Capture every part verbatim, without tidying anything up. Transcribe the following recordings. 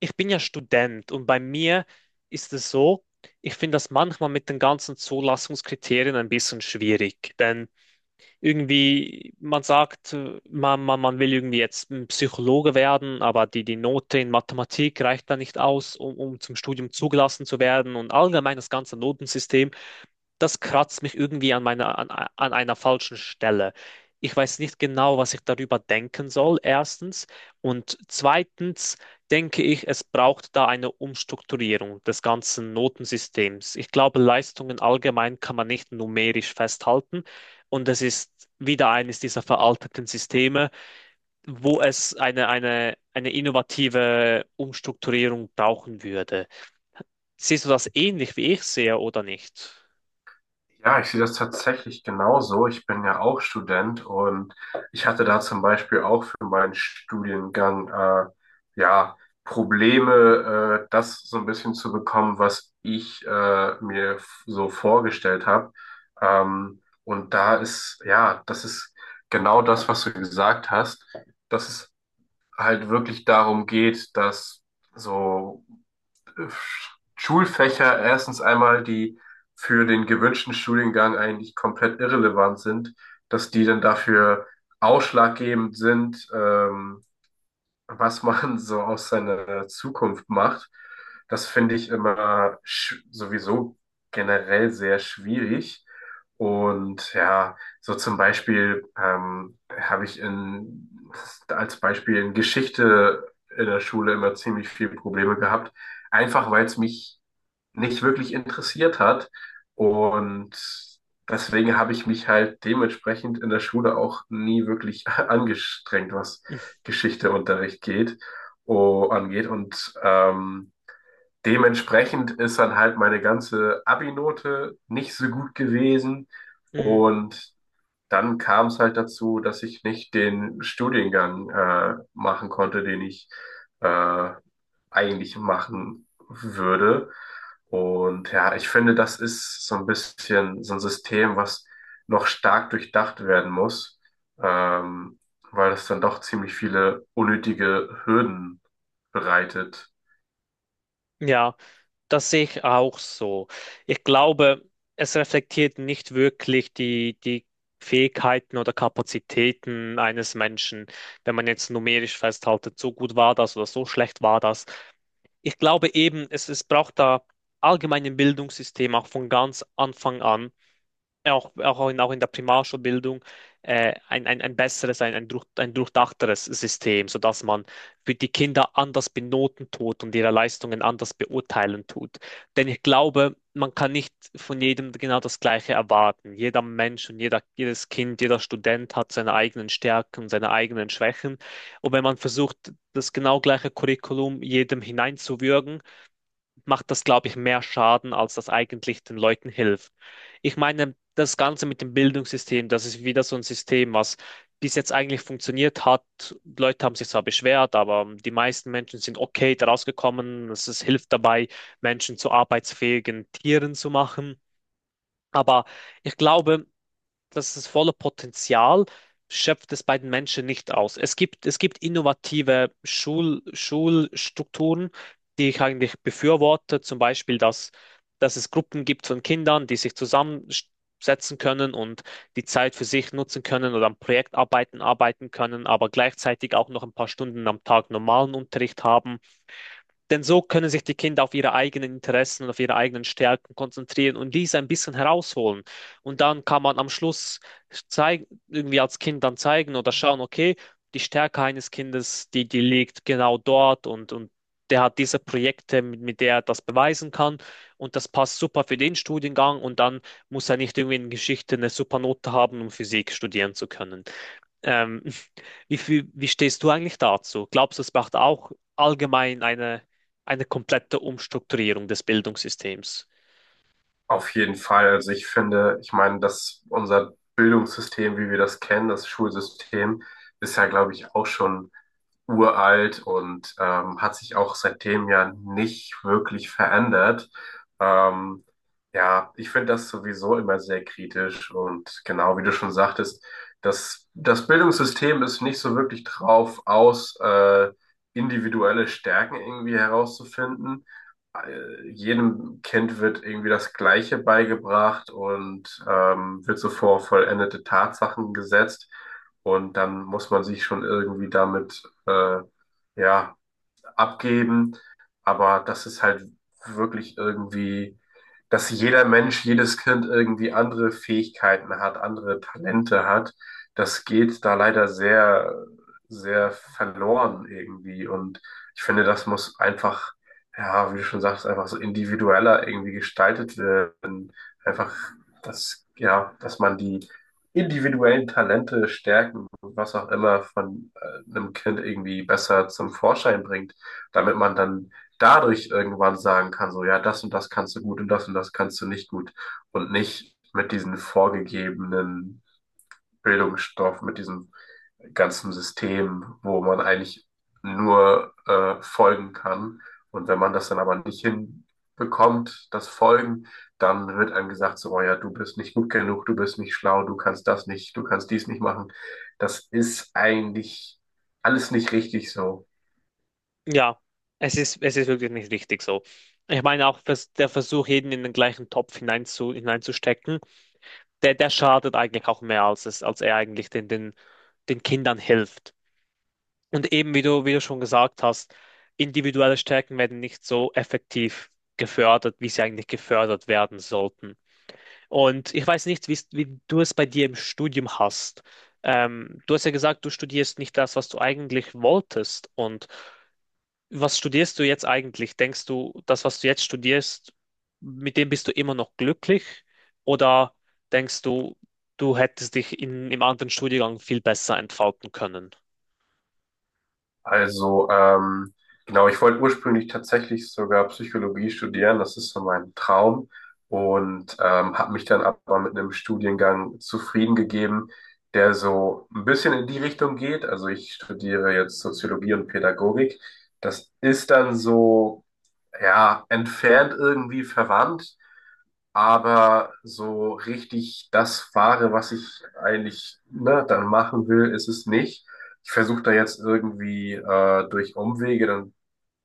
Ich bin ja Student und bei mir ist es so, ich finde das manchmal mit den ganzen Zulassungskriterien ein bisschen schwierig. Denn irgendwie, man sagt, äh, man, man, man will irgendwie jetzt ein Psychologe werden, aber die, die Note in Mathematik reicht da nicht aus, um, um zum Studium zugelassen zu werden. Und allgemein das ganze Notensystem, das kratzt mich irgendwie an meiner, an, an einer falschen Stelle. Ich weiß nicht genau, was ich darüber denken soll, erstens. Und zweitens denke ich, es braucht da eine Umstrukturierung des ganzen Notensystems. Ich glaube, Leistungen allgemein kann man nicht numerisch festhalten. Und es ist wieder eines dieser veralteten Systeme, wo es eine, eine, eine innovative Umstrukturierung brauchen würde. Siehst du das ähnlich wie ich sehe oder nicht? Ja, ich sehe das tatsächlich genauso. Ich bin ja auch Student und ich hatte da zum Beispiel auch für meinen Studiengang äh, ja Probleme, äh, das so ein bisschen zu bekommen, was ich äh, mir f- so vorgestellt habe. Ähm, und da ist, ja, das ist genau das, was du gesagt hast, dass es halt wirklich darum geht, dass so äh, Schulfächer erstens einmal, die für den gewünschten Studiengang eigentlich komplett irrelevant sind, dass die dann dafür ausschlaggebend sind, ähm, was man so aus seiner Zukunft macht, das finde ich immer sch- sowieso generell sehr schwierig. Und ja, so zum Beispiel ähm, habe ich in, als Beispiel in Geschichte in der Schule immer ziemlich viele Probleme gehabt, einfach weil es mich nicht wirklich interessiert hat. Und deswegen habe ich mich halt dementsprechend in der Schule auch nie wirklich angestrengt, was Geschichteunterricht geht, oh, angeht. Und ähm, dementsprechend ist dann halt meine ganze Abi-Note nicht so gut gewesen. Mhm. Und dann kam es halt dazu, dass ich nicht den Studiengang äh, machen konnte, den ich äh, eigentlich machen würde. Und ja, ich finde, das ist so ein bisschen so ein System, was noch stark durchdacht werden muss, ähm, weil es dann doch ziemlich viele unnötige Hürden bereitet. Ja. Das sehe ich auch so. Ich glaube, es reflektiert nicht wirklich die, die Fähigkeiten oder Kapazitäten eines Menschen, wenn man jetzt numerisch festhaltet, so gut war das oder so schlecht war das. Ich glaube eben, es, es braucht da allgemein im Bildungssystem auch von ganz Anfang an auch, auch, in, auch in der Primarschulbildung äh, ein, ein, ein besseres, ein, ein, durch, ein durchdachteres System, sodass man für die Kinder anders benoten tut und ihre Leistungen anders beurteilen tut. Denn ich glaube, man kann nicht von jedem genau das Gleiche erwarten. Jeder Mensch und jeder, jedes Kind, jeder Student hat seine eigenen Stärken, seine eigenen Schwächen. Und wenn man versucht, das genau gleiche Curriculum jedem hineinzuwürgen, macht das, glaube ich, mehr Schaden, als das eigentlich den Leuten hilft. Ich meine, das Ganze mit dem Bildungssystem, das ist wieder so ein System, was bis jetzt eigentlich funktioniert hat. Leute haben sich zwar beschwert, aber die meisten Menschen sind okay daraus gekommen. Es es hilft dabei, Menschen zu arbeitsfähigen Tieren zu machen. Aber ich glaube, das ist volle Potenzial, schöpft es bei den Menschen nicht aus. Es gibt, es gibt innovative Schul, Schulstrukturen, die ich eigentlich befürworte, zum Beispiel, dass, dass es Gruppen gibt von Kindern, die sich zusammensetzen können und die Zeit für sich nutzen können oder an Projektarbeiten arbeiten können, aber gleichzeitig auch noch ein paar Stunden am Tag normalen Unterricht haben. Denn so können sich die Kinder auf ihre eigenen Interessen und auf ihre eigenen Stärken konzentrieren und diese ein bisschen herausholen. Und dann kann man am Schluss zeigen, irgendwie als Kind dann zeigen oder schauen, okay, die Stärke eines Kindes, die, die liegt genau dort und, und der hat diese Projekte, mit, mit der er das beweisen kann und das passt super für den Studiengang und dann muss er nicht irgendwie in Geschichte eine super Note haben, um Physik studieren zu können. Ähm, wie viel, wie stehst du eigentlich dazu? Glaubst du, es braucht auch allgemein eine, eine komplette Umstrukturierung des Bildungssystems? Auf jeden Fall. Also ich finde, ich meine, dass unser Bildungssystem, wie wir das kennen, das Schulsystem, ist ja, glaube ich, auch schon uralt und ähm, hat sich auch seitdem ja nicht wirklich verändert. Ähm, ja, ich finde das sowieso immer sehr kritisch und genau wie du schon sagtest, das, das Bildungssystem ist nicht so wirklich drauf aus, äh, individuelle Stärken irgendwie herauszufinden. Äh, jedem Kind wird irgendwie das Gleiche beigebracht und ähm, wird so vor vollendete Tatsachen gesetzt. Und dann muss man sich schon irgendwie damit, äh, ja, abgeben, aber das ist halt wirklich irgendwie, dass jeder Mensch, jedes Kind irgendwie andere Fähigkeiten hat, andere Talente hat. Das geht da leider sehr, sehr verloren irgendwie. Und ich finde, das muss einfach, ja, wie du schon sagst, einfach so individueller irgendwie gestaltet werden. Einfach, dass, ja, dass man die individuellen Talente stärken, was auch immer von äh, einem Kind irgendwie besser zum Vorschein bringt, damit man dann dadurch irgendwann sagen kann, so, ja, das und das kannst du gut und das und das kannst du nicht gut und nicht mit diesen vorgegebenen Bildungsstoff, mit diesem ganzen System, wo man eigentlich nur äh, folgen kann. Und wenn man das dann aber nicht hinbekommt, das Folgen, dann wird einem gesagt, so, oh ja, du bist nicht gut genug, du bist nicht schlau, du kannst das nicht, du kannst dies nicht machen. Das ist eigentlich alles nicht richtig so. Ja, es ist, es ist wirklich nicht richtig so. Ich meine auch, dass der Versuch, jeden in den gleichen Topf hinein zu hineinzustecken, der, der schadet eigentlich auch mehr, als es, als er eigentlich den, den, den Kindern hilft. Und eben, wie du, wie du schon gesagt hast, individuelle Stärken werden nicht so effektiv gefördert, wie sie eigentlich gefördert werden sollten. Und ich weiß nicht, wie's- wie du es bei dir im Studium hast. Ähm, du hast ja gesagt, du studierst nicht das, was du eigentlich wolltest. Und was studierst du jetzt eigentlich? Denkst du, das, was du jetzt studierst, mit dem bist du immer noch glücklich? Oder denkst du, du hättest dich in, im anderen Studiengang viel besser entfalten können? Also, ähm, genau, ich wollte ursprünglich tatsächlich sogar Psychologie studieren, das ist so mein Traum und ähm, habe mich dann aber mit einem Studiengang zufrieden gegeben, der so ein bisschen in die Richtung geht. Also ich studiere jetzt Soziologie und Pädagogik. Das ist dann so, ja, entfernt irgendwie verwandt, aber so richtig das fahre, was ich eigentlich ne, dann machen will, ist es nicht. Ich versuche da jetzt irgendwie äh, durch Umwege dann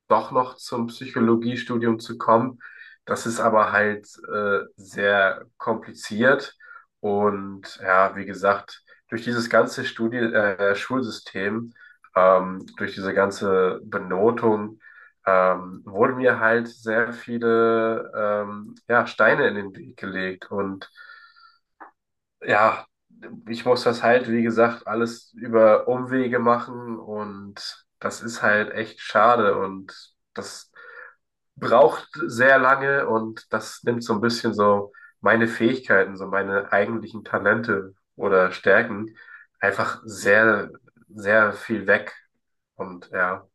doch noch zum Psychologiestudium zu kommen. Das ist aber halt äh, sehr kompliziert und ja, wie gesagt, durch dieses ganze Studi äh, Schulsystem, ähm, durch diese ganze Benotung, ähm, wurden mir halt sehr viele ähm, ja, Steine in den Weg gelegt und ja, ich muss das halt, wie gesagt, alles über Umwege machen und das ist halt echt schade und das braucht sehr lange und das nimmt so ein bisschen so meine Fähigkeiten, so meine eigentlichen Talente oder Stärken einfach sehr, sehr viel weg. Und ja.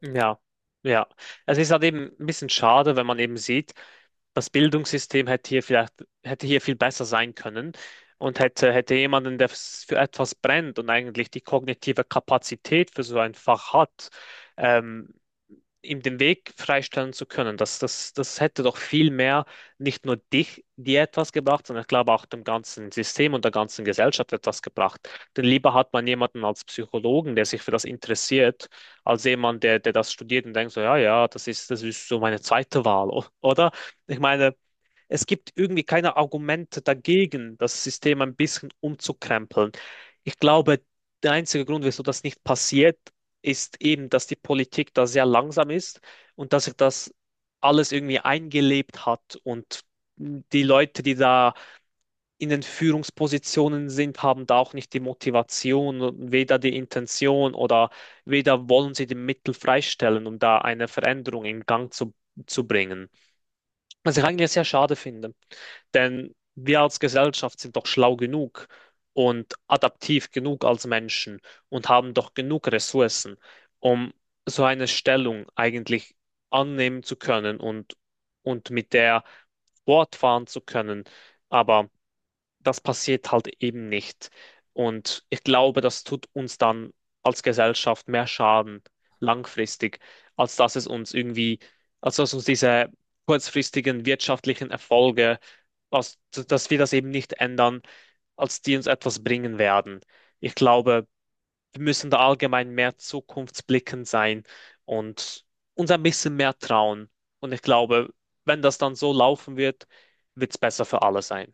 Ja, ja. Also, es ist halt eben ein bisschen schade, wenn man eben sieht, das Bildungssystem hätte hier vielleicht, hätte hier viel besser sein können und hätte, hätte jemanden, der s- für etwas brennt und eigentlich die kognitive Kapazität für so ein Fach hat, ähm, ihm den Weg freistellen zu können. Das, das, das hätte doch viel mehr nicht nur dich, dir etwas gebracht, sondern ich glaube auch dem ganzen System und der ganzen Gesellschaft etwas gebracht. Denn lieber hat man jemanden als Psychologen, der sich für das interessiert, als jemand, der, der das studiert und denkt so, ja, ja, das ist, das ist so meine zweite Wahl, o- oder? Ich meine, es gibt irgendwie keine Argumente dagegen, das System ein bisschen umzukrempeln. Ich glaube, der einzige Grund, wieso das nicht passiert, ist eben, dass die Politik da sehr langsam ist und dass sich das alles irgendwie eingelebt hat und die Leute, die da in den Führungspositionen sind, haben da auch nicht die Motivation, und weder die Intention oder weder wollen sie die Mittel freistellen, um da eine Veränderung in Gang zu, zu bringen. Was ich eigentlich sehr schade finde. Denn wir als Gesellschaft sind doch schlau genug und adaptiv genug als Menschen und haben doch genug Ressourcen, um so eine Stellung eigentlich annehmen zu können und, und mit der fortfahren zu können. Aber das passiert halt eben nicht. Und ich glaube, das tut uns dann als Gesellschaft mehr Schaden langfristig, als dass es uns irgendwie, als dass uns diese kurzfristigen wirtschaftlichen Erfolge, als, dass wir das eben nicht ändern, als die uns etwas bringen werden. Ich glaube, wir müssen da allgemein mehr zukunftsblickend sein und uns ein bisschen mehr trauen. Und ich glaube, wenn das dann so laufen wird, wird es besser für alle sein.